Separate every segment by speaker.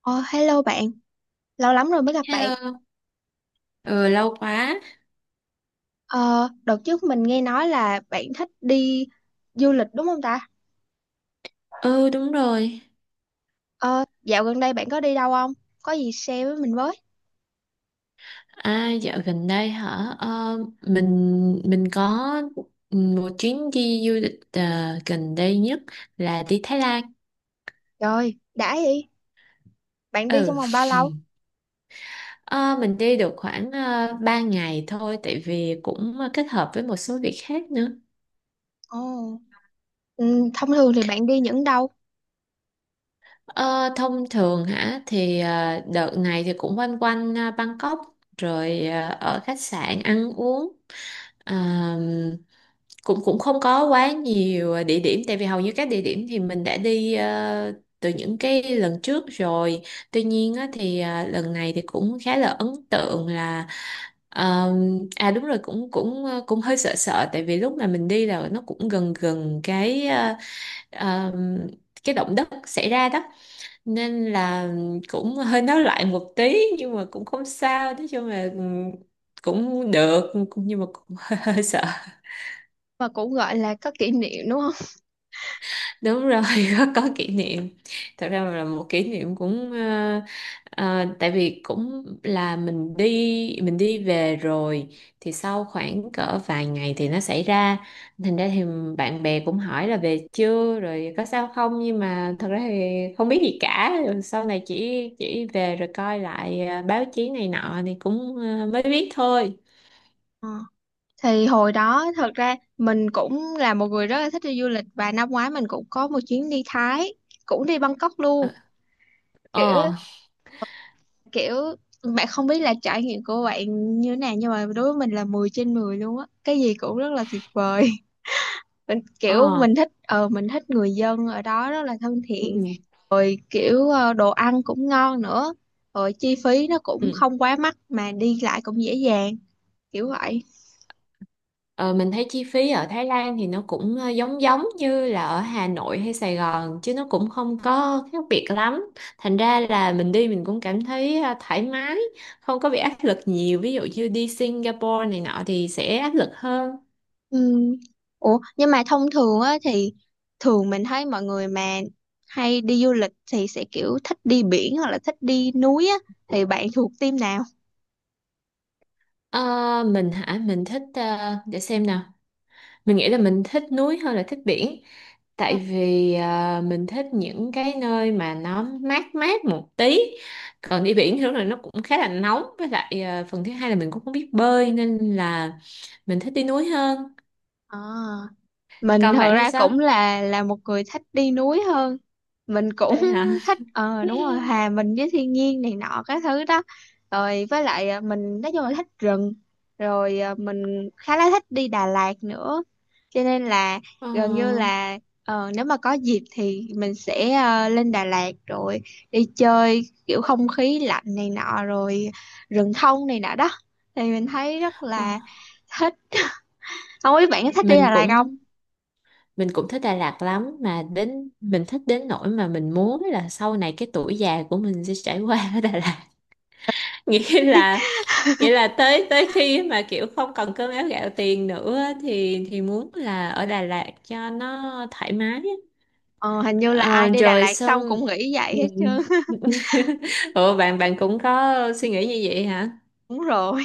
Speaker 1: Ờ, Hello bạn, lâu lắm rồi mới gặp bạn.
Speaker 2: Hello, ừ, lâu quá.
Speaker 1: Ờ, Đợt trước mình nghe nói là bạn thích đi du lịch đúng không ta?
Speaker 2: Ừ đúng rồi.
Speaker 1: Ờ, Dạo gần đây bạn có đi đâu không? Có gì share với mình với.
Speaker 2: À dạo gần đây hả? Ờ, mình có một chuyến đi du lịch gần đây nhất là đi Thái Lan.
Speaker 1: Rồi, đã vậy. Bạn đi trong
Speaker 2: Ừ,
Speaker 1: vòng bao lâu?
Speaker 2: Ờ, mình đi được khoảng 3 ngày thôi tại vì cũng kết hợp với một số việc khác nữa.
Speaker 1: Ồ, ừ, thông thường thì bạn đi những đâu
Speaker 2: Ờ, Thông thường hả thì đợt này thì cũng quanh quanh Bangkok rồi ở khách sạn ăn uống. Ờ, cũng cũng không có quá nhiều địa điểm tại vì hầu như các địa điểm thì mình đã đi từ những cái lần trước rồi. Tuy nhiên á, thì lần này thì cũng khá là ấn tượng là ờ, à đúng rồi, cũng cũng ờ, cũng hơi sợ sợ tại vì lúc mà mình đi là nó cũng gần gần cái ờ, cái động đất xảy ra đó, nên là cũng hơi nói lại một tí nhưng mà cũng không sao, nói chung là cũng được nhưng mà cũng hơi sợ.
Speaker 1: mà cũng gọi là có kỷ niệm đúng không?
Speaker 2: Đúng rồi có kỷ niệm. Thật ra là một kỷ niệm cũng tại vì cũng là mình đi về rồi thì sau khoảng cỡ vài ngày thì nó xảy ra. Thành ra thì bạn bè cũng hỏi là về chưa rồi có sao không, nhưng mà thật ra thì không biết gì cả, rồi sau này chỉ về rồi coi lại báo chí này nọ thì cũng mới biết thôi.
Speaker 1: Ờ. Thì hồi đó thật ra mình cũng là một người rất là thích đi du lịch và năm ngoái mình cũng có một chuyến đi Thái, cũng đi Bangkok luôn.
Speaker 2: ờ
Speaker 1: Kiểu
Speaker 2: ờ
Speaker 1: kiểu bạn không biết là trải nghiệm của bạn như thế nào nhưng mà đối với mình là 10 trên 10 luôn á, cái gì cũng rất là tuyệt vời. Mình kiểu
Speaker 2: ờ,
Speaker 1: mình thích người dân ở đó rất là thân
Speaker 2: ừ.
Speaker 1: thiện, rồi kiểu đồ ăn cũng ngon nữa, rồi chi phí nó cũng
Speaker 2: Ừ.
Speaker 1: không quá mắc mà đi lại cũng dễ dàng, kiểu vậy.
Speaker 2: Ờ, mình thấy chi phí ở Thái Lan thì nó cũng giống giống như là ở Hà Nội hay Sài Gòn chứ nó cũng không có khác biệt lắm. Thành ra là mình đi mình cũng cảm thấy thoải mái, không có bị áp lực nhiều. Ví dụ như đi Singapore này nọ thì sẽ áp lực hơn.
Speaker 1: Ừ. Ủa nhưng mà thông thường á thì thường mình thấy mọi người mà hay đi du lịch thì sẽ kiểu thích đi biển hoặc là thích đi núi á, thì bạn thuộc team nào?
Speaker 2: Ờ, mình hả? Mình thích để xem nào. Mình nghĩ là mình thích núi hơn là thích biển, tại vì à, mình thích những cái nơi mà nó mát mát một tí, còn đi biển thì lúc này nó cũng khá là nóng, với lại à, phần thứ hai là mình cũng không biết bơi, nên là mình thích đi núi hơn.
Speaker 1: À, mình
Speaker 2: Còn
Speaker 1: thật
Speaker 2: bạn thì
Speaker 1: ra
Speaker 2: sao?
Speaker 1: cũng là một người thích đi núi hơn. Mình cũng
Speaker 2: Vậy hả.
Speaker 1: thích ờ đúng rồi, hòa mình với thiên nhiên này nọ các thứ đó, rồi với lại mình nói chung là thích rừng, rồi mình khá là thích đi Đà Lạt nữa, cho nên là
Speaker 2: Ờ,
Speaker 1: gần như là nếu mà có dịp thì mình sẽ lên Đà Lạt rồi đi chơi kiểu không khí lạnh này nọ, rồi rừng thông này nọ đó, thì mình thấy rất
Speaker 2: ờ.
Speaker 1: là thích. Không biết bạn có thích đi
Speaker 2: mình
Speaker 1: Đà Lạt không.
Speaker 2: cũng mình cũng thích Đà Lạt lắm, mà đến mình thích đến nỗi mà mình muốn là sau này cái tuổi già của mình sẽ trải qua ở Đà Lạt. Nghĩa là vậy, là tới tới khi mà kiểu không còn cơm áo gạo tiền nữa á, thì muốn là ở Đà Lạt cho nó thoải mái á.
Speaker 1: Ờ, hình như là ai
Speaker 2: Ờ,
Speaker 1: đi Đà
Speaker 2: rồi
Speaker 1: Lạt xong
Speaker 2: xong.
Speaker 1: cũng nghĩ vậy
Speaker 2: Ừ.
Speaker 1: hết trơn.
Speaker 2: Ủa bạn bạn cũng có suy nghĩ như vậy hả?
Speaker 1: Đúng rồi.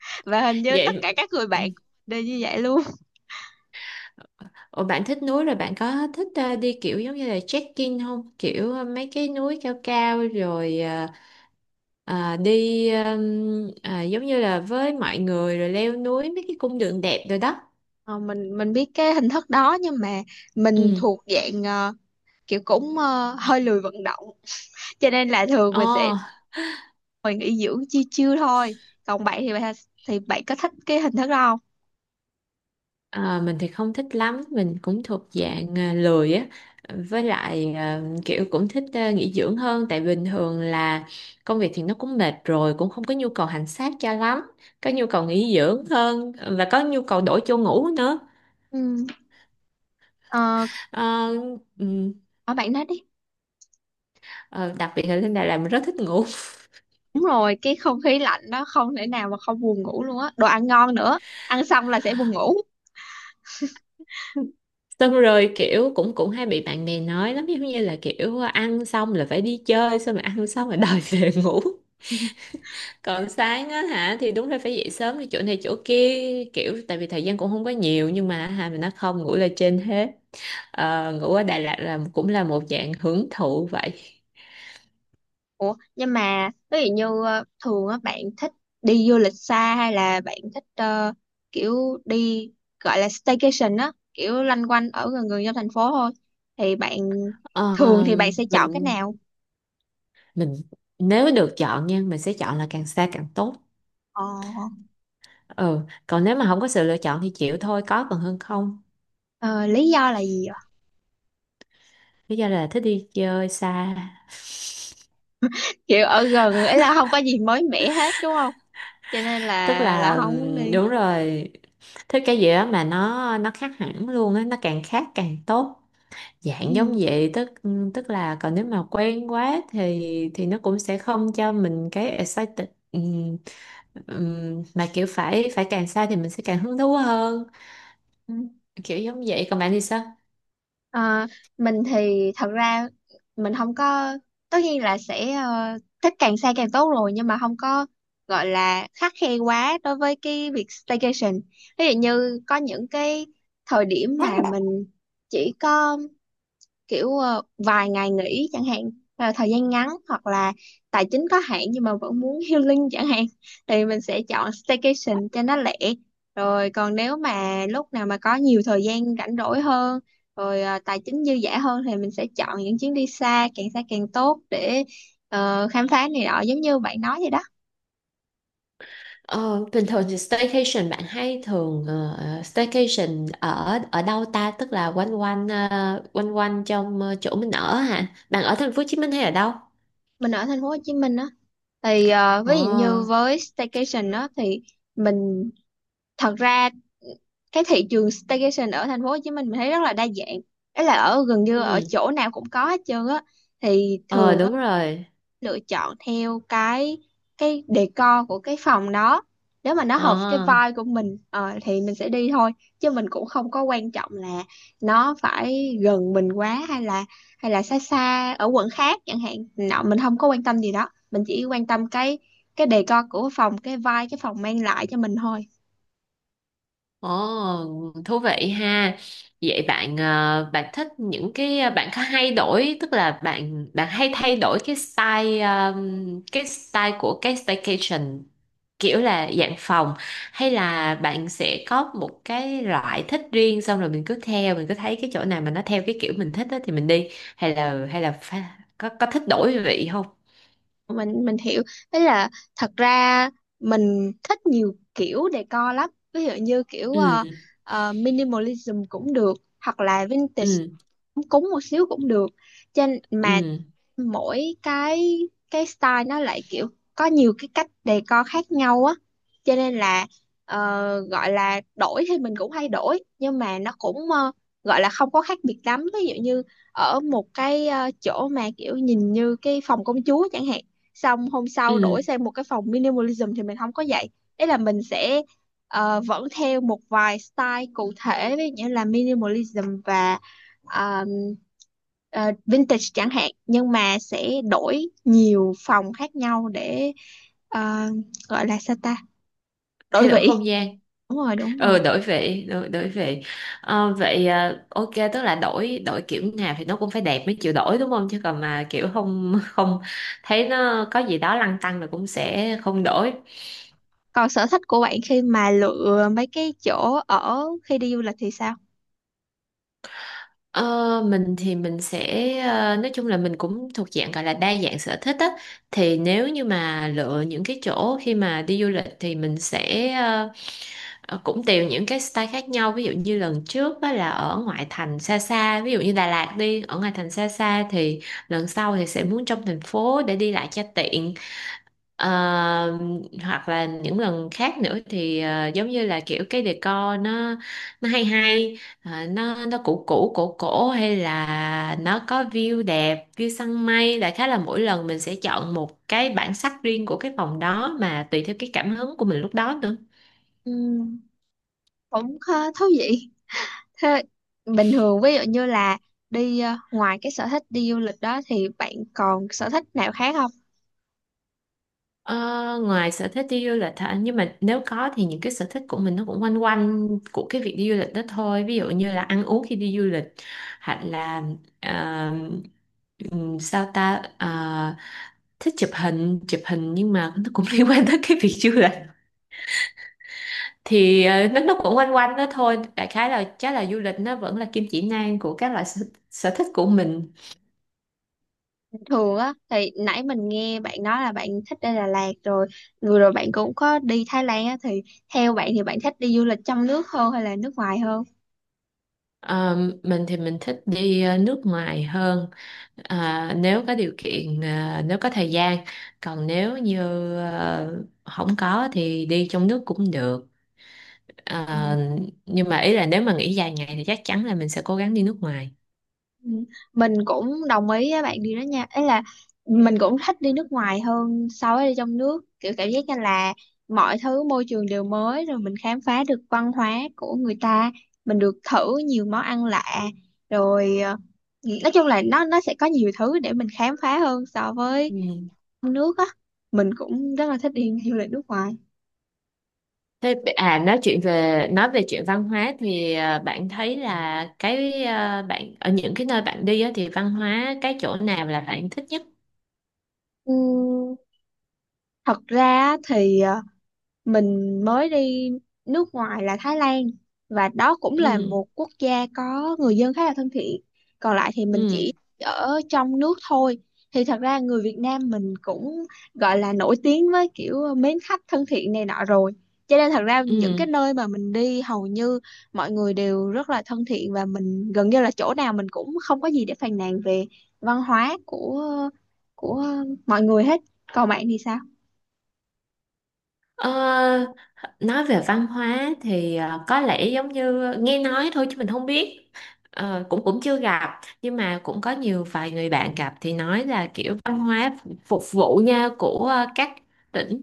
Speaker 1: Và hình như tất
Speaker 2: Vậy.
Speaker 1: cả các người
Speaker 2: Ừ.
Speaker 1: bạn cũng đều như vậy luôn.
Speaker 2: Ủa bạn thích núi rồi bạn có thích đi kiểu giống như là trekking không? Kiểu mấy cái núi cao cao rồi đi giống như là với mọi người rồi leo núi mấy cái cung đường đẹp rồi đó.
Speaker 1: Ờ, mình biết cái hình thức đó nhưng mà mình
Speaker 2: Ừ.
Speaker 1: thuộc dạng kiểu cũng hơi lười vận động. Cho nên là thường mình sẽ
Speaker 2: Ồ.
Speaker 1: ngồi nghỉ dưỡng chiêu chiêu thôi, còn bạn thì bạn có thích cái hình thức đó không.
Speaker 2: À, mình thì không thích lắm, mình cũng thuộc dạng à, lười á, với lại à, kiểu cũng thích à, nghỉ dưỡng hơn, tại bình thường là công việc thì nó cũng mệt rồi, cũng không có nhu cầu hành xác cho lắm, có nhu cầu nghỉ dưỡng hơn và có nhu cầu đổi chỗ ngủ nữa.
Speaker 1: Ừ. Ờ,
Speaker 2: Ờ, ừm,
Speaker 1: ở bạn nói đi.
Speaker 2: ờ, Đặc biệt là lên Đà Lạt mình rất thích ngủ.
Speaker 1: Đúng rồi, cái không khí lạnh đó không thể nào mà không buồn ngủ luôn á, đồ ăn ngon nữa, ăn xong là sẽ buồn ngủ.
Speaker 2: Xong rồi kiểu cũng cũng hay bị bạn bè nói lắm, giống như là kiểu ăn xong là phải đi chơi, xong rồi ăn xong rồi đòi về ngủ. Còn sáng á hả thì đúng là phải dậy sớm đi chỗ này chỗ kia, kiểu tại vì thời gian cũng không có nhiều, nhưng mà hà mình nó không, ngủ là trên hết. Ờ, ngủ ở Đà Lạt là cũng là một dạng hưởng thụ vậy.
Speaker 1: Ủa, nhưng mà ví dụ như thường á bạn thích đi du lịch xa hay là bạn thích kiểu đi gọi là staycation á, kiểu loanh quanh ở gần gần trong thành phố thôi, thì bạn
Speaker 2: Ờ,
Speaker 1: thường thì bạn sẽ chọn cái
Speaker 2: mình
Speaker 1: nào?
Speaker 2: mình nếu được chọn nha mình sẽ chọn là càng xa càng tốt.
Speaker 1: Ờ,
Speaker 2: Ừ, còn nếu mà không có sự lựa chọn thì chịu thôi, có còn hơn không.
Speaker 1: ờ, lý do là gì ạ?
Speaker 2: Lý do là thích đi chơi xa.
Speaker 1: Kiểu ở gần ấy là không có gì mới mẻ hết đúng không? Cho nên
Speaker 2: Tức
Speaker 1: là
Speaker 2: là
Speaker 1: không muốn đi.
Speaker 2: đúng rồi, thích cái gì đó mà nó khác hẳn luôn á, nó càng khác càng tốt, dạng giống vậy. Tức tức là còn nếu mà quen quá thì nó cũng sẽ không cho mình cái excited. Mà kiểu phải phải càng xa thì mình sẽ càng hứng thú hơn,
Speaker 1: Ừ.
Speaker 2: kiểu giống vậy. Còn bạn thì sao?
Speaker 1: Ờ, mình thì thật ra mình không có, tất nhiên là sẽ thích càng xa càng tốt rồi nhưng mà không có gọi là khắt khe quá đối với cái việc staycation. Ví dụ như có những cái thời điểm mà mình chỉ có kiểu vài ngày nghỉ chẳng hạn, là thời gian ngắn hoặc là tài chính có hạn nhưng mà vẫn muốn healing chẳng hạn, thì mình sẽ chọn staycation cho nó lẻ, rồi còn nếu mà lúc nào mà có nhiều thời gian rảnh rỗi hơn rồi tài chính dư dả hơn thì mình sẽ chọn những chuyến đi xa càng tốt để khám phá này nọ giống như bạn nói vậy đó.
Speaker 2: Ờ, bình thường thì staycation bạn hay thường staycation ở ở đâu ta, tức là quanh quanh quanh quanh trong chỗ mình ở hả, bạn ở thành phố Hồ Chí Minh hay ở đâu?
Speaker 1: Mình ở thành phố Hồ Chí Minh á, thì
Speaker 2: Ờ,
Speaker 1: ví dụ như với staycation á thì mình thật ra cái thị trường staycation ở thành phố Hồ Chí Minh mình thấy rất là đa dạng, ấy là ở gần như ở
Speaker 2: ừ,
Speaker 1: chỗ nào cũng có hết trơn á, thì
Speaker 2: ờ
Speaker 1: thường á,
Speaker 2: đúng rồi.
Speaker 1: lựa chọn theo cái decor của cái phòng đó, nếu mà nó hợp cái
Speaker 2: Ờ.
Speaker 1: vibe của mình thì mình sẽ đi thôi, chứ mình cũng không có quan trọng là nó phải gần mình quá hay là xa xa ở quận khác chẳng hạn nọ, mình không có quan tâm gì đó, mình chỉ quan tâm cái decor của phòng, cái vibe cái phòng mang lại cho mình thôi.
Speaker 2: Ồ, thú vị ha. Vậy bạn bạn thích những cái bạn có hay đổi, tức là bạn bạn hay thay đổi cái style cái style của cái staycation, kiểu là dạng phòng, hay là bạn sẽ có một cái loại thích riêng xong rồi mình cứ theo, mình cứ thấy cái chỗ nào mà nó theo cái kiểu mình thích đó thì mình đi, hay là có thích đổi vị không?
Speaker 1: Mình hiểu, đấy là thật ra mình thích nhiều kiểu decor lắm, ví dụ như kiểu
Speaker 2: Ừ
Speaker 1: minimalism cũng được, hoặc là vintage
Speaker 2: ừ
Speaker 1: cũng một xíu cũng được trên mà,
Speaker 2: ừ
Speaker 1: mỗi cái style nó lại kiểu có nhiều cái cách decor khác nhau á, cho nên là gọi là đổi thì mình cũng hay đổi nhưng mà nó cũng gọi là không có khác biệt lắm, ví dụ như ở một cái chỗ mà kiểu nhìn như cái phòng công chúa chẳng hạn, xong hôm sau đổi
Speaker 2: ừ
Speaker 1: sang một cái phòng minimalism thì mình không có vậy, đấy là mình sẽ vẫn theo một vài style cụ thể ví dụ như là minimalism và ờ, vintage chẳng hạn, nhưng mà sẽ đổi nhiều phòng khác nhau để ờ, gọi là sao ta, đổi
Speaker 2: Thay đổi
Speaker 1: vị.
Speaker 2: không gian.
Speaker 1: Đúng rồi, đúng rồi.
Speaker 2: Ừ, đổi vị, đổi vị. Ờ, vậy à, ok, tức là đổi, đổi kiểu nào thì nó cũng phải đẹp mới chịu đổi đúng không, chứ còn mà kiểu không không thấy nó có gì đó lăn tăn là cũng sẽ không đổi.
Speaker 1: Còn sở thích của bạn khi mà lựa mấy cái chỗ ở khi đi du lịch thì sao.
Speaker 2: Ờ, mình thì mình sẽ nói chung là mình cũng thuộc dạng gọi là đa dạng sở thích á, thì nếu như mà lựa những cái chỗ khi mà đi du lịch thì mình sẽ cũng tùy những cái style khác nhau. Ví dụ như lần trước á là ở ngoại thành xa xa, ví dụ như Đà Lạt đi ở ngoại thành xa xa, thì lần sau thì sẽ muốn trong thành phố để đi lại cho tiện. Ờ, Hoặc là những lần khác nữa thì giống như là kiểu cái decor nó hay hay, nó cũ cũ cổ cổ, hay là nó có view đẹp, view săn mây. Đại khái là mỗi lần mình sẽ chọn một cái bản sắc riêng của cái phòng đó, mà tùy theo cái cảm hứng của mình lúc đó nữa.
Speaker 1: Ừm, cũng khá thú vị. Thế bình thường ví dụ như là đi ngoài cái sở thích đi du lịch đó thì bạn còn sở thích nào khác không.
Speaker 2: Ờ, ngoài sở thích đi du lịch hả? Nhưng mà nếu có thì những cái sở thích của mình nó cũng quanh quanh của cái việc đi du lịch đó thôi. Ví dụ như là ăn uống khi đi du lịch, hoặc là ờ, sao ta. Ờ, thích chụp hình nhưng mà nó cũng liên quan tới cái việc du lịch. Thì nó cũng quanh quanh đó thôi. Đại khái là chắc là du lịch nó vẫn là kim chỉ nam của các loại sở thích của mình.
Speaker 1: Thường á thì nãy mình nghe bạn nói là bạn thích đi Đà Lạt rồi, vừa rồi bạn cũng có đi Thái Lan á, thì theo bạn thì bạn thích đi du lịch trong nước hơn hay là nước ngoài hơn.
Speaker 2: Ờ, mình thì mình thích đi nước ngoài hơn. Ờ, nếu có điều kiện, nếu có thời gian. Còn nếu như không có thì đi trong nước cũng được. Ờ, nhưng mà ý là nếu mà nghỉ dài ngày thì chắc chắn là mình sẽ cố gắng đi nước ngoài.
Speaker 1: Ừ, mình cũng đồng ý với bạn điều đó nha, ấy là mình cũng thích đi nước ngoài hơn so với đi trong nước, kiểu cảm giác như là mọi thứ môi trường đều mới, rồi mình khám phá được văn hóa của người ta, mình được thử nhiều món ăn lạ, rồi nói chung là nó sẽ có nhiều thứ để mình khám phá hơn so với
Speaker 2: Ừ.
Speaker 1: trong nước á. Mình cũng rất là thích đi du lịch nước ngoài.
Speaker 2: Thế nói chuyện về, nói về chuyện văn hóa thì bạn thấy là cái bạn ở những cái nơi bạn đi á, thì văn hóa cái chỗ nào là bạn thích nhất?
Speaker 1: Ừm, thật ra thì mình mới đi nước ngoài là Thái Lan, và đó cũng
Speaker 2: ừ
Speaker 1: là một quốc gia có người dân khá là thân thiện, còn lại thì mình
Speaker 2: ừ
Speaker 1: chỉ ở trong nước thôi, thì thật ra người Việt Nam mình cũng gọi là nổi tiếng với kiểu mến khách thân thiện này nọ rồi, cho nên thật ra
Speaker 2: ừ
Speaker 1: những cái nơi mà mình đi hầu như mọi người đều rất là thân thiện và mình gần như là chỗ nào mình cũng không có gì để phàn nàn về văn hóa của mọi người hết. Còn bạn thì sao.
Speaker 2: Ờ, nói về văn hóa thì có lẽ giống như nghe nói thôi chứ mình không biết. Ờ, cũng cũng chưa gặp, nhưng mà cũng có nhiều vài người bạn gặp thì nói là kiểu văn hóa phục vụ nhau của các tỉnh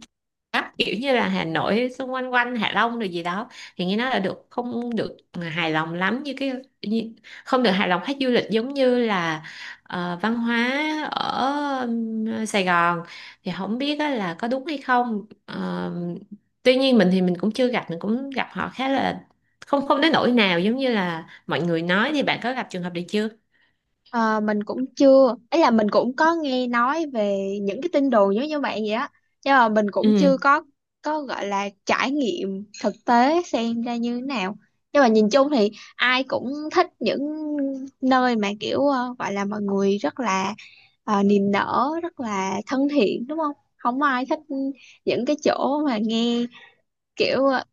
Speaker 2: Bắc, kiểu như là Hà Nội xung quanh quanh Hạ Long rồi gì đó, thì nghe nói là được, không được hài lòng lắm, như cái như, không được hài lòng khách du lịch, giống như là văn hóa ở Sài Gòn, thì không biết á là có đúng hay không. Ờ, tuy nhiên mình thì mình cũng chưa gặp, mình cũng gặp họ khá là không không đến nỗi nào giống như là mọi người nói. Thì bạn có gặp trường hợp này chưa?
Speaker 1: Ờ, mình cũng chưa, ấy là mình cũng có nghe nói về những cái tin đồn giống như bạn vậy á, nhưng mà mình cũng chưa
Speaker 2: Ừ
Speaker 1: có có gọi là trải nghiệm thực tế xem ra như thế nào, nhưng mà nhìn chung thì ai cũng thích những nơi mà kiểu gọi là mọi người rất là niềm nở rất là thân thiện đúng không, không ai thích những cái chỗ mà nghe kiểu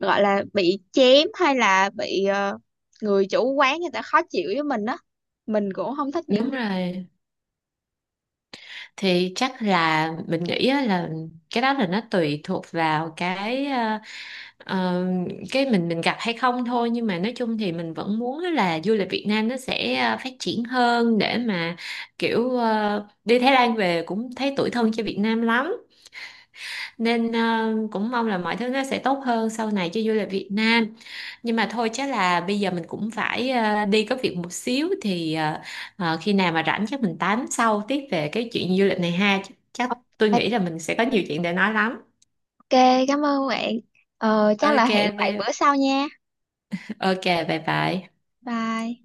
Speaker 1: gọi là bị chém hay là bị người chủ quán người ta khó chịu với mình á, mình cũng không thích những.
Speaker 2: đúng rồi. Thì chắc là mình nghĩ á là cái đó là nó tùy thuộc vào cái, Ờ, cái mình gặp hay không thôi, nhưng mà nói chung thì mình vẫn muốn á là du lịch Việt Nam nó sẽ phát triển hơn, để mà kiểu đi Thái Lan về cũng thấy tủi thân cho Việt Nam lắm, nên cũng mong là mọi thứ nó sẽ tốt hơn sau này cho du lịch Việt Nam. Nhưng mà thôi, chắc là bây giờ mình cũng phải đi có việc một xíu, thì khi nào mà rảnh chắc mình tám sau tiếp về cái chuyện du lịch này ha. Chắc tôi
Speaker 1: Ok,
Speaker 2: nghĩ là mình sẽ có nhiều chuyện để nói lắm.
Speaker 1: cảm ơn bạn. Ờ, chắc là
Speaker 2: Ok.
Speaker 1: hẹn bạn bữa
Speaker 2: Bye.
Speaker 1: sau nha.
Speaker 2: Ok. Bye bye.
Speaker 1: Bye.